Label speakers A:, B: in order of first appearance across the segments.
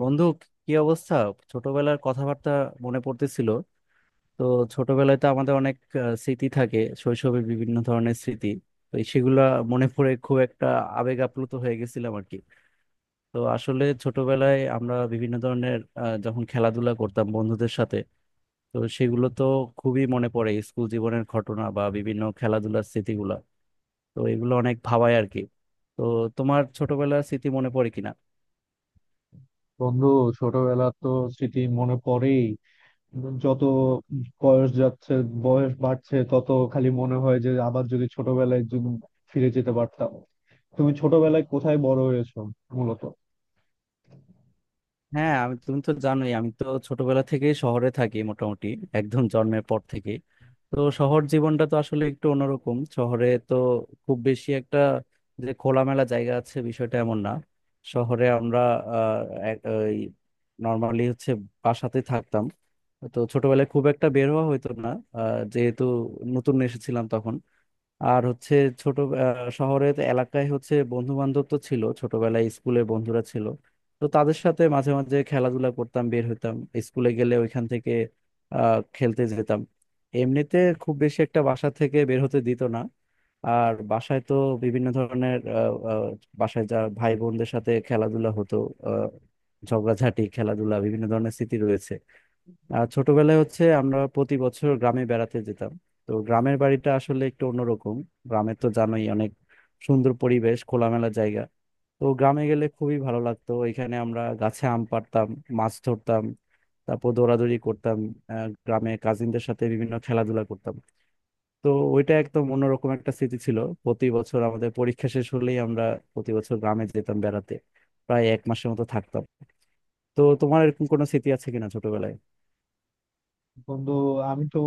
A: বন্ধু, কি অবস্থা? ছোটবেলার কথাবার্তা মনে পড়তেছিল। তো ছোটবেলায় তো আমাদের অনেক স্মৃতি থাকে, শৈশবের বিভিন্ন ধরনের স্মৃতি। তো এই সেগুলা মনে পড়ে, খুব একটা আবেগ আপ্লুত হয়ে গেছিলাম আর কি। তো আসলে ছোটবেলায় আমরা বিভিন্ন ধরনের যখন খেলাধুলা করতাম বন্ধুদের সাথে, তো সেগুলো তো খুবই মনে পড়ে, স্কুল জীবনের ঘটনা বা বিভিন্ন খেলাধুলার স্মৃতিগুলা। তো এগুলো অনেক ভাবায় আর কি। তো তোমার ছোটবেলার স্মৃতি মনে পড়ে কিনা?
B: বন্ধু, ছোটবেলার তো স্মৃতি মনে পড়েই। যত বয়স যাচ্ছে, বয়স বাড়ছে, তত খালি মনে হয় যে আবার যদি ছোটবেলায় যদি ফিরে যেতে পারতাম। তুমি ছোটবেলায় কোথায় বড় হয়েছো মূলত?
A: হ্যাঁ, আমি, তুমি তো জানোই আমি তো ছোটবেলা থেকে শহরে থাকি মোটামুটি, একদম জন্মের পর থেকে। তো শহর জীবনটা তো আসলে একটু অন্যরকম, শহরে তো খুব বেশি একটা যে খোলামেলা জায়গা আছে বিষয়টা এমন না। শহরে আমরা আহ নর্মালি হচ্ছে বাসাতে থাকতাম। তো ছোটবেলায় খুব একটা বের হওয়া হতো না, যেহেতু নতুন এসেছিলাম তখন। আর হচ্ছে ছোট শহরের এলাকায় হচ্ছে বন্ধু বান্ধব তো ছিল, ছোটবেলায় স্কুলে বন্ধুরা ছিল। তো তাদের সাথে মাঝে মাঝে খেলাধুলা করতাম, বের হইতাম, স্কুলে গেলে ওইখান থেকে খেলতে যেতাম। এমনিতে খুব বেশি একটা বাসা থেকে বের হতে দিত না। আর বাসায় তো বিভিন্ন ধরনের আহ, আহ, বাসায় যা ভাই বোনদের সাথে খেলাধুলা হতো, আহ, ঝগড়াঝাটি, খেলাধুলা, বিভিন্ন ধরনের স্মৃতি রয়েছে। আর ছোটবেলায় হচ্ছে আমরা প্রতি বছর গ্রামে বেড়াতে যেতাম। তো গ্রামের বাড়িটা আসলে একটু অন্যরকম, গ্রামে তো জানোই অনেক সুন্দর পরিবেশ, খোলামেলা জায়গা। তো গ্রামে গেলে খুবই ভালো লাগতো, এখানে আমরা গাছে আম পাড়তাম, মাছ ধরতাম, তারপর দৌড়াদৌড়ি করতাম, গ্রামে কাজিনদের সাথে বিভিন্ন খেলাধুলা করতাম। তো ওইটা একদম অন্যরকম একটা স্মৃতি ছিল। প্রতি বছর আমাদের পরীক্ষা শেষ হলেই আমরা প্রতি বছর গ্রামে যেতাম বেড়াতে, প্রায় 1 মাসের মতো থাকতাম। তো তোমার এরকম কোনো স্মৃতি আছে কিনা ছোটবেলায়?
B: বন্ধু, আমি তো,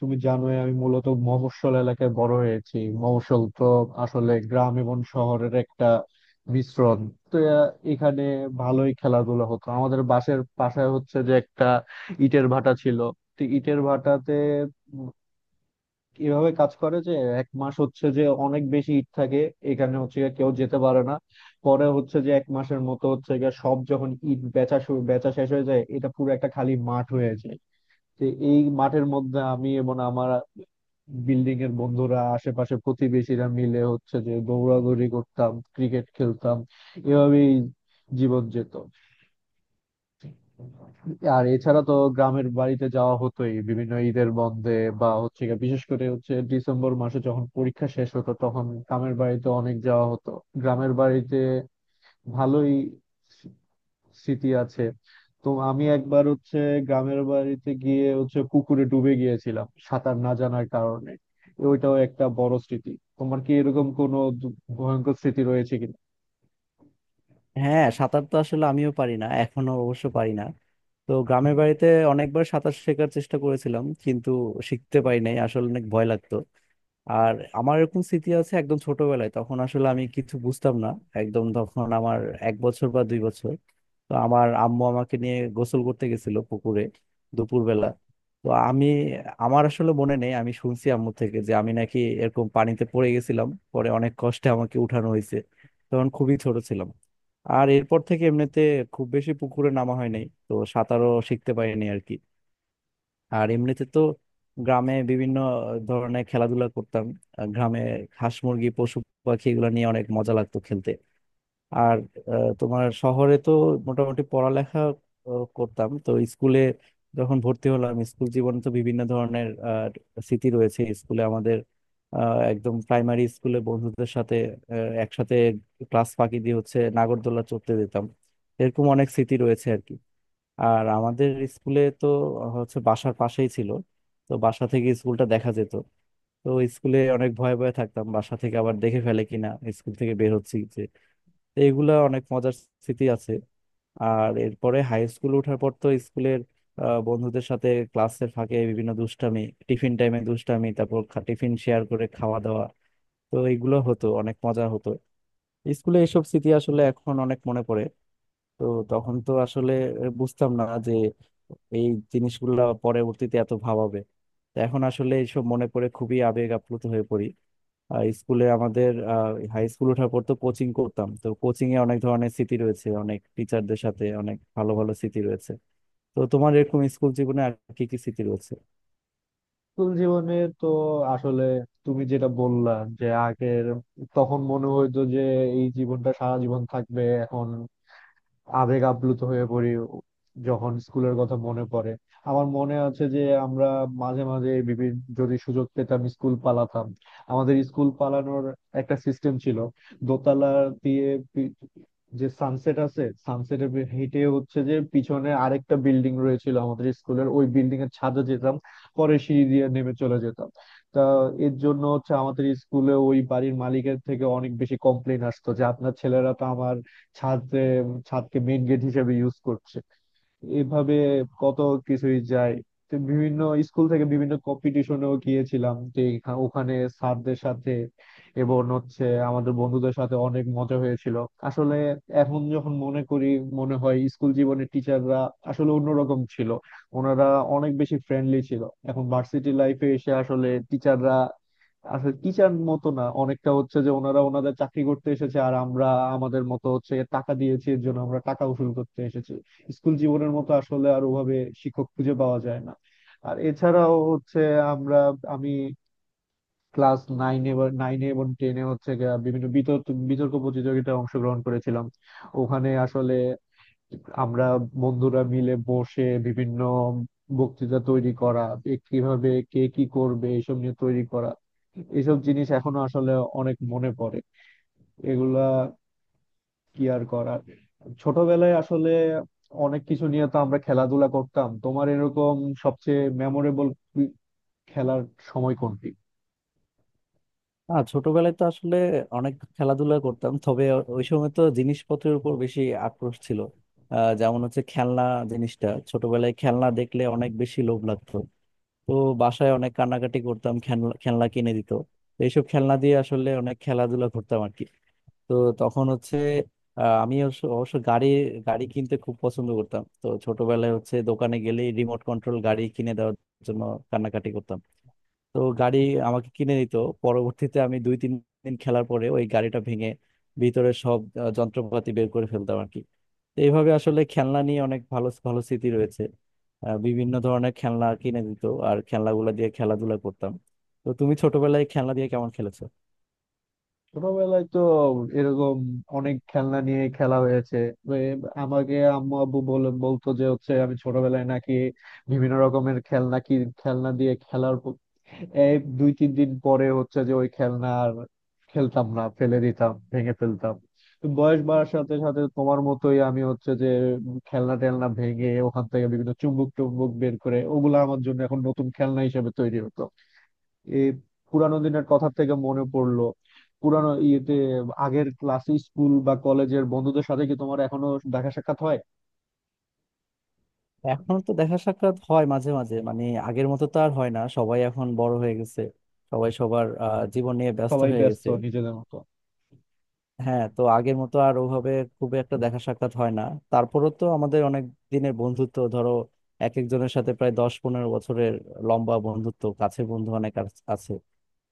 B: তুমি জানোই আমি মূলত মফস্বল এলাকায় বড় হয়েছি। মফস্বল তো আসলে গ্রাম এবং শহরের একটা মিশ্রণ। তো এখানে ভালোই খেলাধুলা হতো। আমাদের বাসের পাশে হচ্ছে যে একটা ইটের ভাটা ছিল। তো ইটের ভাটাতে এভাবে কাজ করে যে এক মাস হচ্ছে যে অনেক বেশি ইট থাকে, এখানে হচ্ছে গিয়ে কেউ যেতে পারে না। পরে হচ্ছে যে এক মাসের মতো হচ্ছে গিয়ে সব যখন ইট বেচা শুরু বেচা শেষ হয়ে যায়, এটা পুরো একটা খালি মাঠ হয়ে যায়। তো এই মাঠের মধ্যে আমি এবং আমার বিল্ডিং এর বন্ধুরা, আশেপাশে প্রতিবেশীরা মিলে হচ্ছে যে দৌড়াদৌড়ি করতাম, ক্রিকেট খেলতাম। এভাবেই জীবন যেত। আর এছাড়া তো গ্রামের বাড়িতে যাওয়া হতোই বিভিন্ন ঈদের বন্ধে, বা হচ্ছে গিয়ে বিশেষ করে হচ্ছে ডিসেম্বর মাসে যখন পরীক্ষা শেষ হতো তখন গ্রামের বাড়িতে অনেক যাওয়া হতো। গ্রামের বাড়িতে ভালোই স্মৃ- স্মৃতি আছে। তো আমি একবার হচ্ছে গ্রামের বাড়িতে গিয়ে হচ্ছে পুকুরে ডুবে গিয়েছিলাম সাঁতার না জানার কারণে। ওইটাও একটা বড় স্মৃতি। তোমার কি এরকম কোনো ভয়ঙ্কর স্মৃতি রয়েছে কি?
A: হ্যাঁ, সাঁতার তো আসলে আমিও পারি না, এখনো অবশ্য পারি না। তো গ্রামের বাড়িতে অনেকবার সাঁতার শেখার চেষ্টা করেছিলাম কিন্তু শিখতে পারি নাই, আসলে অনেক ভয় লাগতো। আর আমার এরকম স্মৃতি আছে একদম ছোটবেলায়, তখন আসলে আমি কিছু বুঝতাম না, একদম তখন আমার 1 বছর বা 2 বছর। তো আমার আম্মু আমাকে নিয়ে গোসল করতে গেছিল পুকুরে, দুপুরবেলা। তো আমি, আমার আসলে মনে নেই, আমি শুনছি আম্মু থেকে যে আমি নাকি এরকম পানিতে পড়ে গেছিলাম, পরে অনেক কষ্টে আমাকে উঠানো হয়েছে। তখন খুবই ছোট ছিলাম। আর এরপর থেকে এমনিতে খুব বেশি পুকুরে নামা হয় নাই, তো সাঁতারও শিখতে পারিনি আর কি। আর এমনিতে তো গ্রামে বিভিন্ন ধরনের খেলাধুলা করতাম, গ্রামে হাঁস মুরগি পশু পাখি এগুলো নিয়ে অনেক মজা লাগতো খেলতে। আর তোমার শহরে তো মোটামুটি পড়ালেখা করতাম তো স্কুলে। যখন ভর্তি হলাম স্কুল জীবনে তো বিভিন্ন ধরনের স্মৃতি রয়েছে স্কুলে আমাদের, একদম প্রাইমারি স্কুলে বন্ধুদের সাথে একসাথে ক্লাস ফাঁকি দিয়ে হচ্ছে নাগরদোলা চড়তে যেতাম। এরকম অনেক স্মৃতি রয়েছে আর কি। আর আমাদের স্কুলে তো হচ্ছে বাসার পাশেই ছিল, তো বাসা থেকে স্কুলটা দেখা যেত। তো স্কুলে অনেক ভয়ে ভয়ে থাকতাম বাসা থেকে আবার দেখে ফেলে কিনা স্কুল থেকে বের হচ্ছি যে। তো এগুলা অনেক মজার স্মৃতি আছে। আর এরপরে হাই স্কুল ওঠার পর তো স্কুলের বন্ধুদের সাথে ক্লাসের ফাঁকে বিভিন্ন দুষ্টামি, টিফিন টাইমে দুষ্টামি, তারপর টিফিন শেয়ার করে খাওয়া দাওয়া। তো এগুলো হতো, অনেক মজা হতো। স্কুলে এসব স্মৃতি আসলে এখন অনেক মনে পড়ে। তো তখন তো আসলে বুঝতাম না যে এই জিনিসগুলা পরবর্তীতে এত ভাবাবে। তো এখন আসলে এইসব মনে পড়ে, খুবই আবেগ আপ্লুত হয়ে পড়ি। আর স্কুলে আমাদের হাই স্কুল ওঠার পর তো কোচিং করতাম, তো কোচিং এ অনেক ধরনের স্মৃতি রয়েছে, অনেক টিচারদের সাথে অনেক ভালো ভালো স্মৃতি রয়েছে। তো তোমার এরকম স্কুল জীবনে আর কি কি স্মৃতি রয়েছে?
B: স্কুল জীবনে তো আসলে তুমি যেটা বললা যে আগের, তখন মনে হইতো যে এই জীবনটা সারা জীবন থাকবে। এখন আবেগ আপ্লুত হয়ে পড়ি যখন স্কুলের কথা মনে পড়ে। আমার মনে আছে যে আমরা মাঝে মাঝে বিভিন্ন যদি সুযোগ পেতাম, স্কুল পালাতাম। আমাদের স্কুল পালানোর একটা সিস্টেম ছিল। দোতলা দিয়ে পি- যে সানসেট আছে, সানসেটের হেঁটে হচ্ছে যে পিছনে আরেকটা বিল্ডিং রয়েছিল আমাদের স্কুলের, ওই বিল্ডিং এর ছাদে যেতাম। পরে সিঁড়ি দিয়ে নেমে চলে যেতাম। তা এর জন্য হচ্ছে আমাদের স্কুলে ওই বাড়ির মালিকের থেকে অনেক বেশি কমপ্লেন আসতো যে আপনার ছেলেরা তো আমার ছাদ ছাদকে মেইন গেট হিসেবে ইউজ করছে। এভাবে কত কিছুই যায়। তো বিভিন্ন স্কুল থেকে বিভিন্ন কম্পিটিশনেও গিয়েছিলাম। তো ওখানে স্যারদের সাথে এবং হচ্ছে আমাদের বন্ধুদের সাথে অনেক মজা হয়েছিল। আসলে এখন যখন মনে করি, মনে হয় স্কুল জীবনের টিচাররা আসলে অন্যরকম ছিল। ওনারা অনেক বেশি ফ্রেন্ডলি ছিল। এখন ভার্সিটি লাইফে এসে আসলে টিচাররা আসলে টিচার মতো না, অনেকটা হচ্ছে যে ওনারা ওনাদের চাকরি করতে এসেছে, আর আমরা আমাদের মতো হচ্ছে টাকা দিয়েছি এর জন্য আমরা টাকা উসুল করতে এসেছি। স্কুল জীবনের মতো আসলে আর ওভাবে শিক্ষক খুঁজে পাওয়া যায় না। আর এছাড়াও হচ্ছে আমরা, আমি ক্লাস নাইনে বা নাইনে এবং টেনে হচ্ছে গিয়া বিভিন্ন বিতর্ক বিতর্ক প্রতিযোগিতায় অংশগ্রহণ করেছিলাম। ওখানে আসলে আমরা বন্ধুরা মিলে বসে বিভিন্ন বক্তৃতা তৈরি করা, এ কিভাবে কে কি করবে এসব নিয়ে তৈরি করা, এসব জিনিস এখনো আসলে অনেক মনে পড়ে। এগুলা কি আর করার। ছোটবেলায় আসলে অনেক কিছু নিয়ে তো আমরা খেলাধুলা করতাম। তোমার এরকম সবচেয়ে মেমোরেবল খেলার সময় কোনটি?
A: না, ছোটবেলায় তো আসলে অনেক খেলাধুলা করতাম, তবে ওই সময় তো জিনিসপত্রের উপর বেশি আক্রোশ ছিল। যেমন হচ্ছে খেলনা জিনিসটা, ছোটবেলায় খেলনা দেখলে অনেক বেশি লোভ লাগতো। তো বাসায় অনেক কান্নাকাটি করতাম খেলনা, খেলনা কিনে দিত। তো এইসব খেলনা দিয়ে আসলে অনেক খেলাধুলা করতাম আর কি। তো তখন হচ্ছে আমি অবশ্য, গাড়ি গাড়ি কিনতে খুব পছন্দ করতাম। তো ছোটবেলায় হচ্ছে দোকানে গেলেই রিমোট কন্ট্রোল গাড়ি কিনে দেওয়ার জন্য কান্নাকাটি করতাম। তো গাড়ি আমাকে কিনে নিত, পরবর্তীতে আমি 2-3 দিন খেলার পরে ওই গাড়িটা ভেঙে ভিতরে সব যন্ত্রপাতি বের করে ফেলতাম আর কি। তো এইভাবে আসলে খেলনা নিয়ে অনেক ভালো ভালো স্মৃতি রয়েছে। বিভিন্ন ধরনের খেলনা কিনে দিত, আর খেলনাগুলো দিয়ে খেলাধুলা করতাম। তো তুমি ছোটবেলায় খেলনা দিয়ে কেমন খেলেছো?
B: ছোটবেলায় তো এরকম অনেক খেলনা নিয়ে খেলা হয়েছে। এ- আমাকে আম্মু আব্বু বলে বলতো যে হচ্ছে আমি ছোটবেলায় নাকি বিভিন্ন রকমের খেলনা কি, খেলনা দিয়ে খেলার এই দুই তিন দিন পরে হচ্ছে যে ওই খেলনা আর খেলতাম না, ফেলে দিতাম, ভেঙে ফেলতাম। তো বয়স বাড়ার সাথে সাথে তোমার মতোই আমি হচ্ছে যে খেলনা টেলনা ভেঙে ওখান থেকে বিভিন্ন চুম্বক টুম্বক বের করে ওগুলো আমার জন্য এখন নতুন খেলনা হিসেবে তৈরি হতো। এই পুরানো দিনের কথা থেকে মনে পড়লো, পুরানো ইয়েতে আগের ক্লাস, স্কুল বা কলেজের বন্ধুদের সাথে কি তোমার এখনো দেখা সাক্ষাৎ হয়?
A: এখন তো দেখা সাক্ষাৎ হয় মাঝে মাঝে, মানে আগের মতো তো আর হয় না, সবাই এখন বড় হয়ে গেছে, সবাই সবার জীবন নিয়ে ব্যস্ত
B: সবাই
A: হয়ে
B: ব্যস্ত
A: গেছে।
B: নিজেদের মতো।
A: হ্যাঁ, তো আগের মতো আর ওভাবে খুব একটা দেখা সাক্ষাৎ হয় না। তারপরও তো আমাদের অনেক দিনের বন্ধুত্ব, ধরো এক একজনের সাথে প্রায় 10-15 বছরের লম্বা বন্ধুত্ব, কাছে বন্ধু অনেক আছে।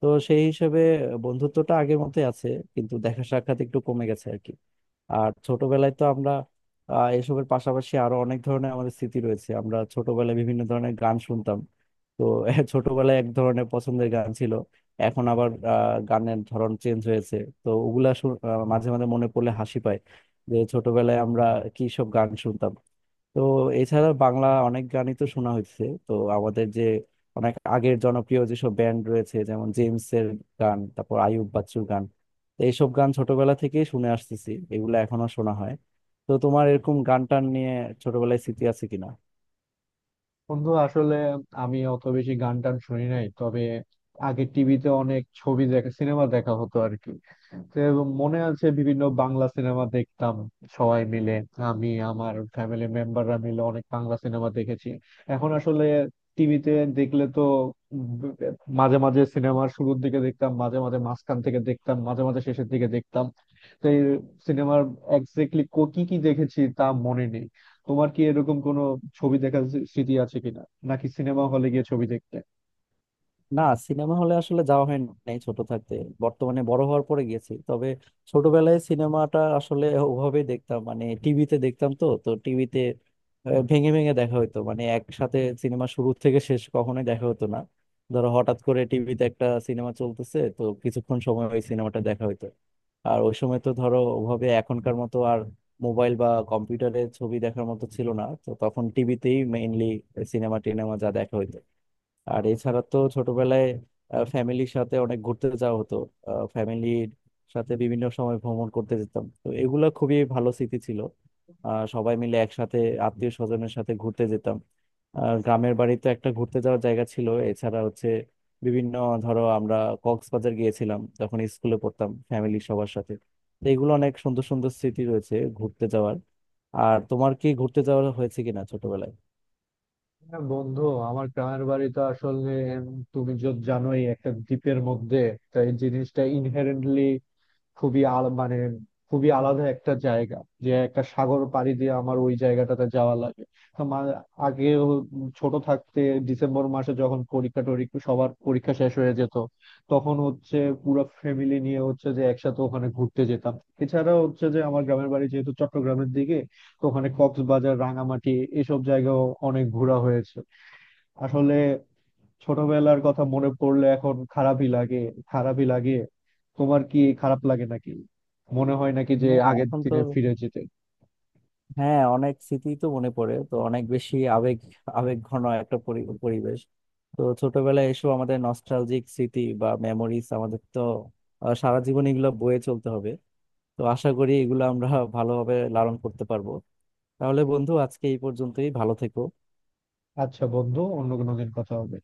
A: তো সেই হিসেবে বন্ধুত্বটা আগের মতোই আছে, কিন্তু দেখা সাক্ষাৎ একটু কমে গেছে আর কি। আর ছোটবেলায় তো আমরা এসবের পাশাপাশি আরো অনেক ধরনের আমাদের স্মৃতি রয়েছে, আমরা ছোটবেলায় বিভিন্ন ধরনের গান শুনতাম। তো ছোটবেলায় এক ধরনের পছন্দের গান ছিল, এখন আবার গানের ধরন চেঞ্জ হয়েছে। তো ওগুলা মাঝে মাঝে মনে পড়লে হাসি পায় যে ছোটবেলায় আমরা কি সব গান শুনতাম। তো এছাড়া বাংলা অনেক গানই তো শোনা হয়েছে। তো আমাদের যে অনেক আগের জনপ্রিয় যেসব ব্যান্ড রয়েছে, যেমন জেমস এর গান, তারপর আইয়ুব বাচ্চুর গান, তো এইসব গান ছোটবেলা থেকেই শুনে আসতেছি, এগুলো এখনো শোনা হয়। তো তোমার এরকম গান টান নিয়ে ছোটবেলায় স্মৃতি আছে কিনা?
B: বন্ধু আসলে আমি অত বেশি গান টান শুনি নাই, তবে আগে টিভিতে অনেক ছবি দেখা, সিনেমা দেখা হতো আর কি। তো মনে আছে বিভিন্ন বাংলা সিনেমা দেখতাম সবাই মিলে। আমি আমার ফ্যামিলি মেম্বাররা মিলে অনেক বাংলা সিনেমা দেখেছি। এখন আসলে টিভিতে দেখলে তো ব- মাঝে মাঝে সিনেমার শুরুর দিকে দেখতাম, মাঝে মাঝে মাঝখান থেকে দেখতাম, মাঝে মাঝে শেষের দিকে দেখতাম। তো এই সিনেমার এক্স্যাক্টলি কি কি দেখেছি তা মনে নেই। তোমার কি এরকম কোনো ছবি দেখার স্মৃতি আছে কিনা, নাকি সিনেমা হলে গিয়ে ছবি দেখতে?
A: না, সিনেমা হলে আসলে যাওয়া হয় নাই ছোট থাকতে, বর্তমানে বড় হওয়ার পরে গেছি। তবে ছোটবেলায় সিনেমাটা আসলে ওভাবে দেখতাম, মানে টিভিতে দেখতাম। তো তো টিভিতে ভেঙে ভেঙে দেখা হতো, মানে একসাথে সিনেমা শুরু থেকে শেষ কখনোই দেখা হতো না। ধরো হঠাৎ করে টিভিতে একটা সিনেমা চলতেছে, তো কিছুক্ষণ সময় ওই সিনেমাটা দেখা হতো। আর ওই সময় তো ধরো ওভাবে এখনকার মতো আর মোবাইল বা কম্পিউটারে ছবি দেখার মতো ছিল না, তো তখন টিভিতেই মেইনলি সিনেমা টিনেমা যা দেখা হতো। আর এছাড়া তো ছোটবেলায় ফ্যামিলির সাথে অনেক ঘুরতে যাওয়া হতো, ফ্যামিলির সাথে বিভিন্ন সময় ভ্রমণ করতে যেতাম। তো এগুলো খুবই ভালো স্মৃতি ছিল, সবাই মিলে একসাথে আত্মীয় স্বজনের সাথে ঘুরতে যেতাম। আর গ্রামের বাড়িতে একটা ঘুরতে যাওয়ার জায়গা ছিল, এছাড়া হচ্ছে বিভিন্ন, ধরো আমরা কক্সবাজার গিয়েছিলাম যখন স্কুলে পড়তাম ফ্যামিলির সবার সাথে। তো এগুলো অনেক সুন্দর সুন্দর স্মৃতি রয়েছে ঘুরতে যাওয়ার। আর তোমার কি ঘুরতে যাওয়া হয়েছে কিনা ছোটবেলায়?
B: না বন্ধু, আমার গ্রামের বাড়ি তো আসলে উম, তুমি যদি জানোই, একটা দ্বীপের মধ্যে। তাই জিনিসটা ইনহেরেন্টলি খুবই আল মানে খুবই আলাদা একটা জায়গা, যে একটা সাগর পাড়ি দিয়ে আমার ওই জায়গাটাতে যাওয়া লাগে। তো আগে হ- ছোট থাকতে ডিসেম্বর মাসে যখন পরীক্ষা টরীক্ষা, সবার পরীক্ষা শেষ হয়ে যেত, তখন হচ্ছে পুরো ফ্যামিলি নিয়ে হচ্ছে যে একসাথে ওখানে ঘুরতে যেতাম। এছাড়া হচ্ছে যে আমার গ্রামের বাড়ি যেহেতু চট্টগ্রামের দিকে, তো ওখানে কক্সবাজার, রাঙামাটি এসব জায়গাও অনেক ঘোরা হয়েছে। আসলে ছোটবেলার কথা মনে পড়লে এখন খারাপই লাগে। খারাপই লাগে। তোমার কি খারাপ লাগে নাকি? মনে হয় নাকি যে
A: হ্যাঁ,
B: আগের
A: এখন তো,
B: দিনে ফিরে যেতে?
A: হ্যাঁ, অনেক স্মৃতি তো মনে পড়ে, তো অনেক বেশি আবেগ, আবেগ ঘন একটা পরিবেশ। তো ছোটবেলায় এসব আমাদের নস্টালজিক স্মৃতি বা মেমোরিজ আমাদের তো সারা জীবন এগুলো বয়ে চলতে হবে। তো আশা করি এগুলো আমরা ভালোভাবে লালন করতে পারবো। তাহলে বন্ধু আজকে এই পর্যন্তই, ভালো থেকো।
B: আচ্ছা বন্ধু, অন্য কোনো দিন কথা হবে।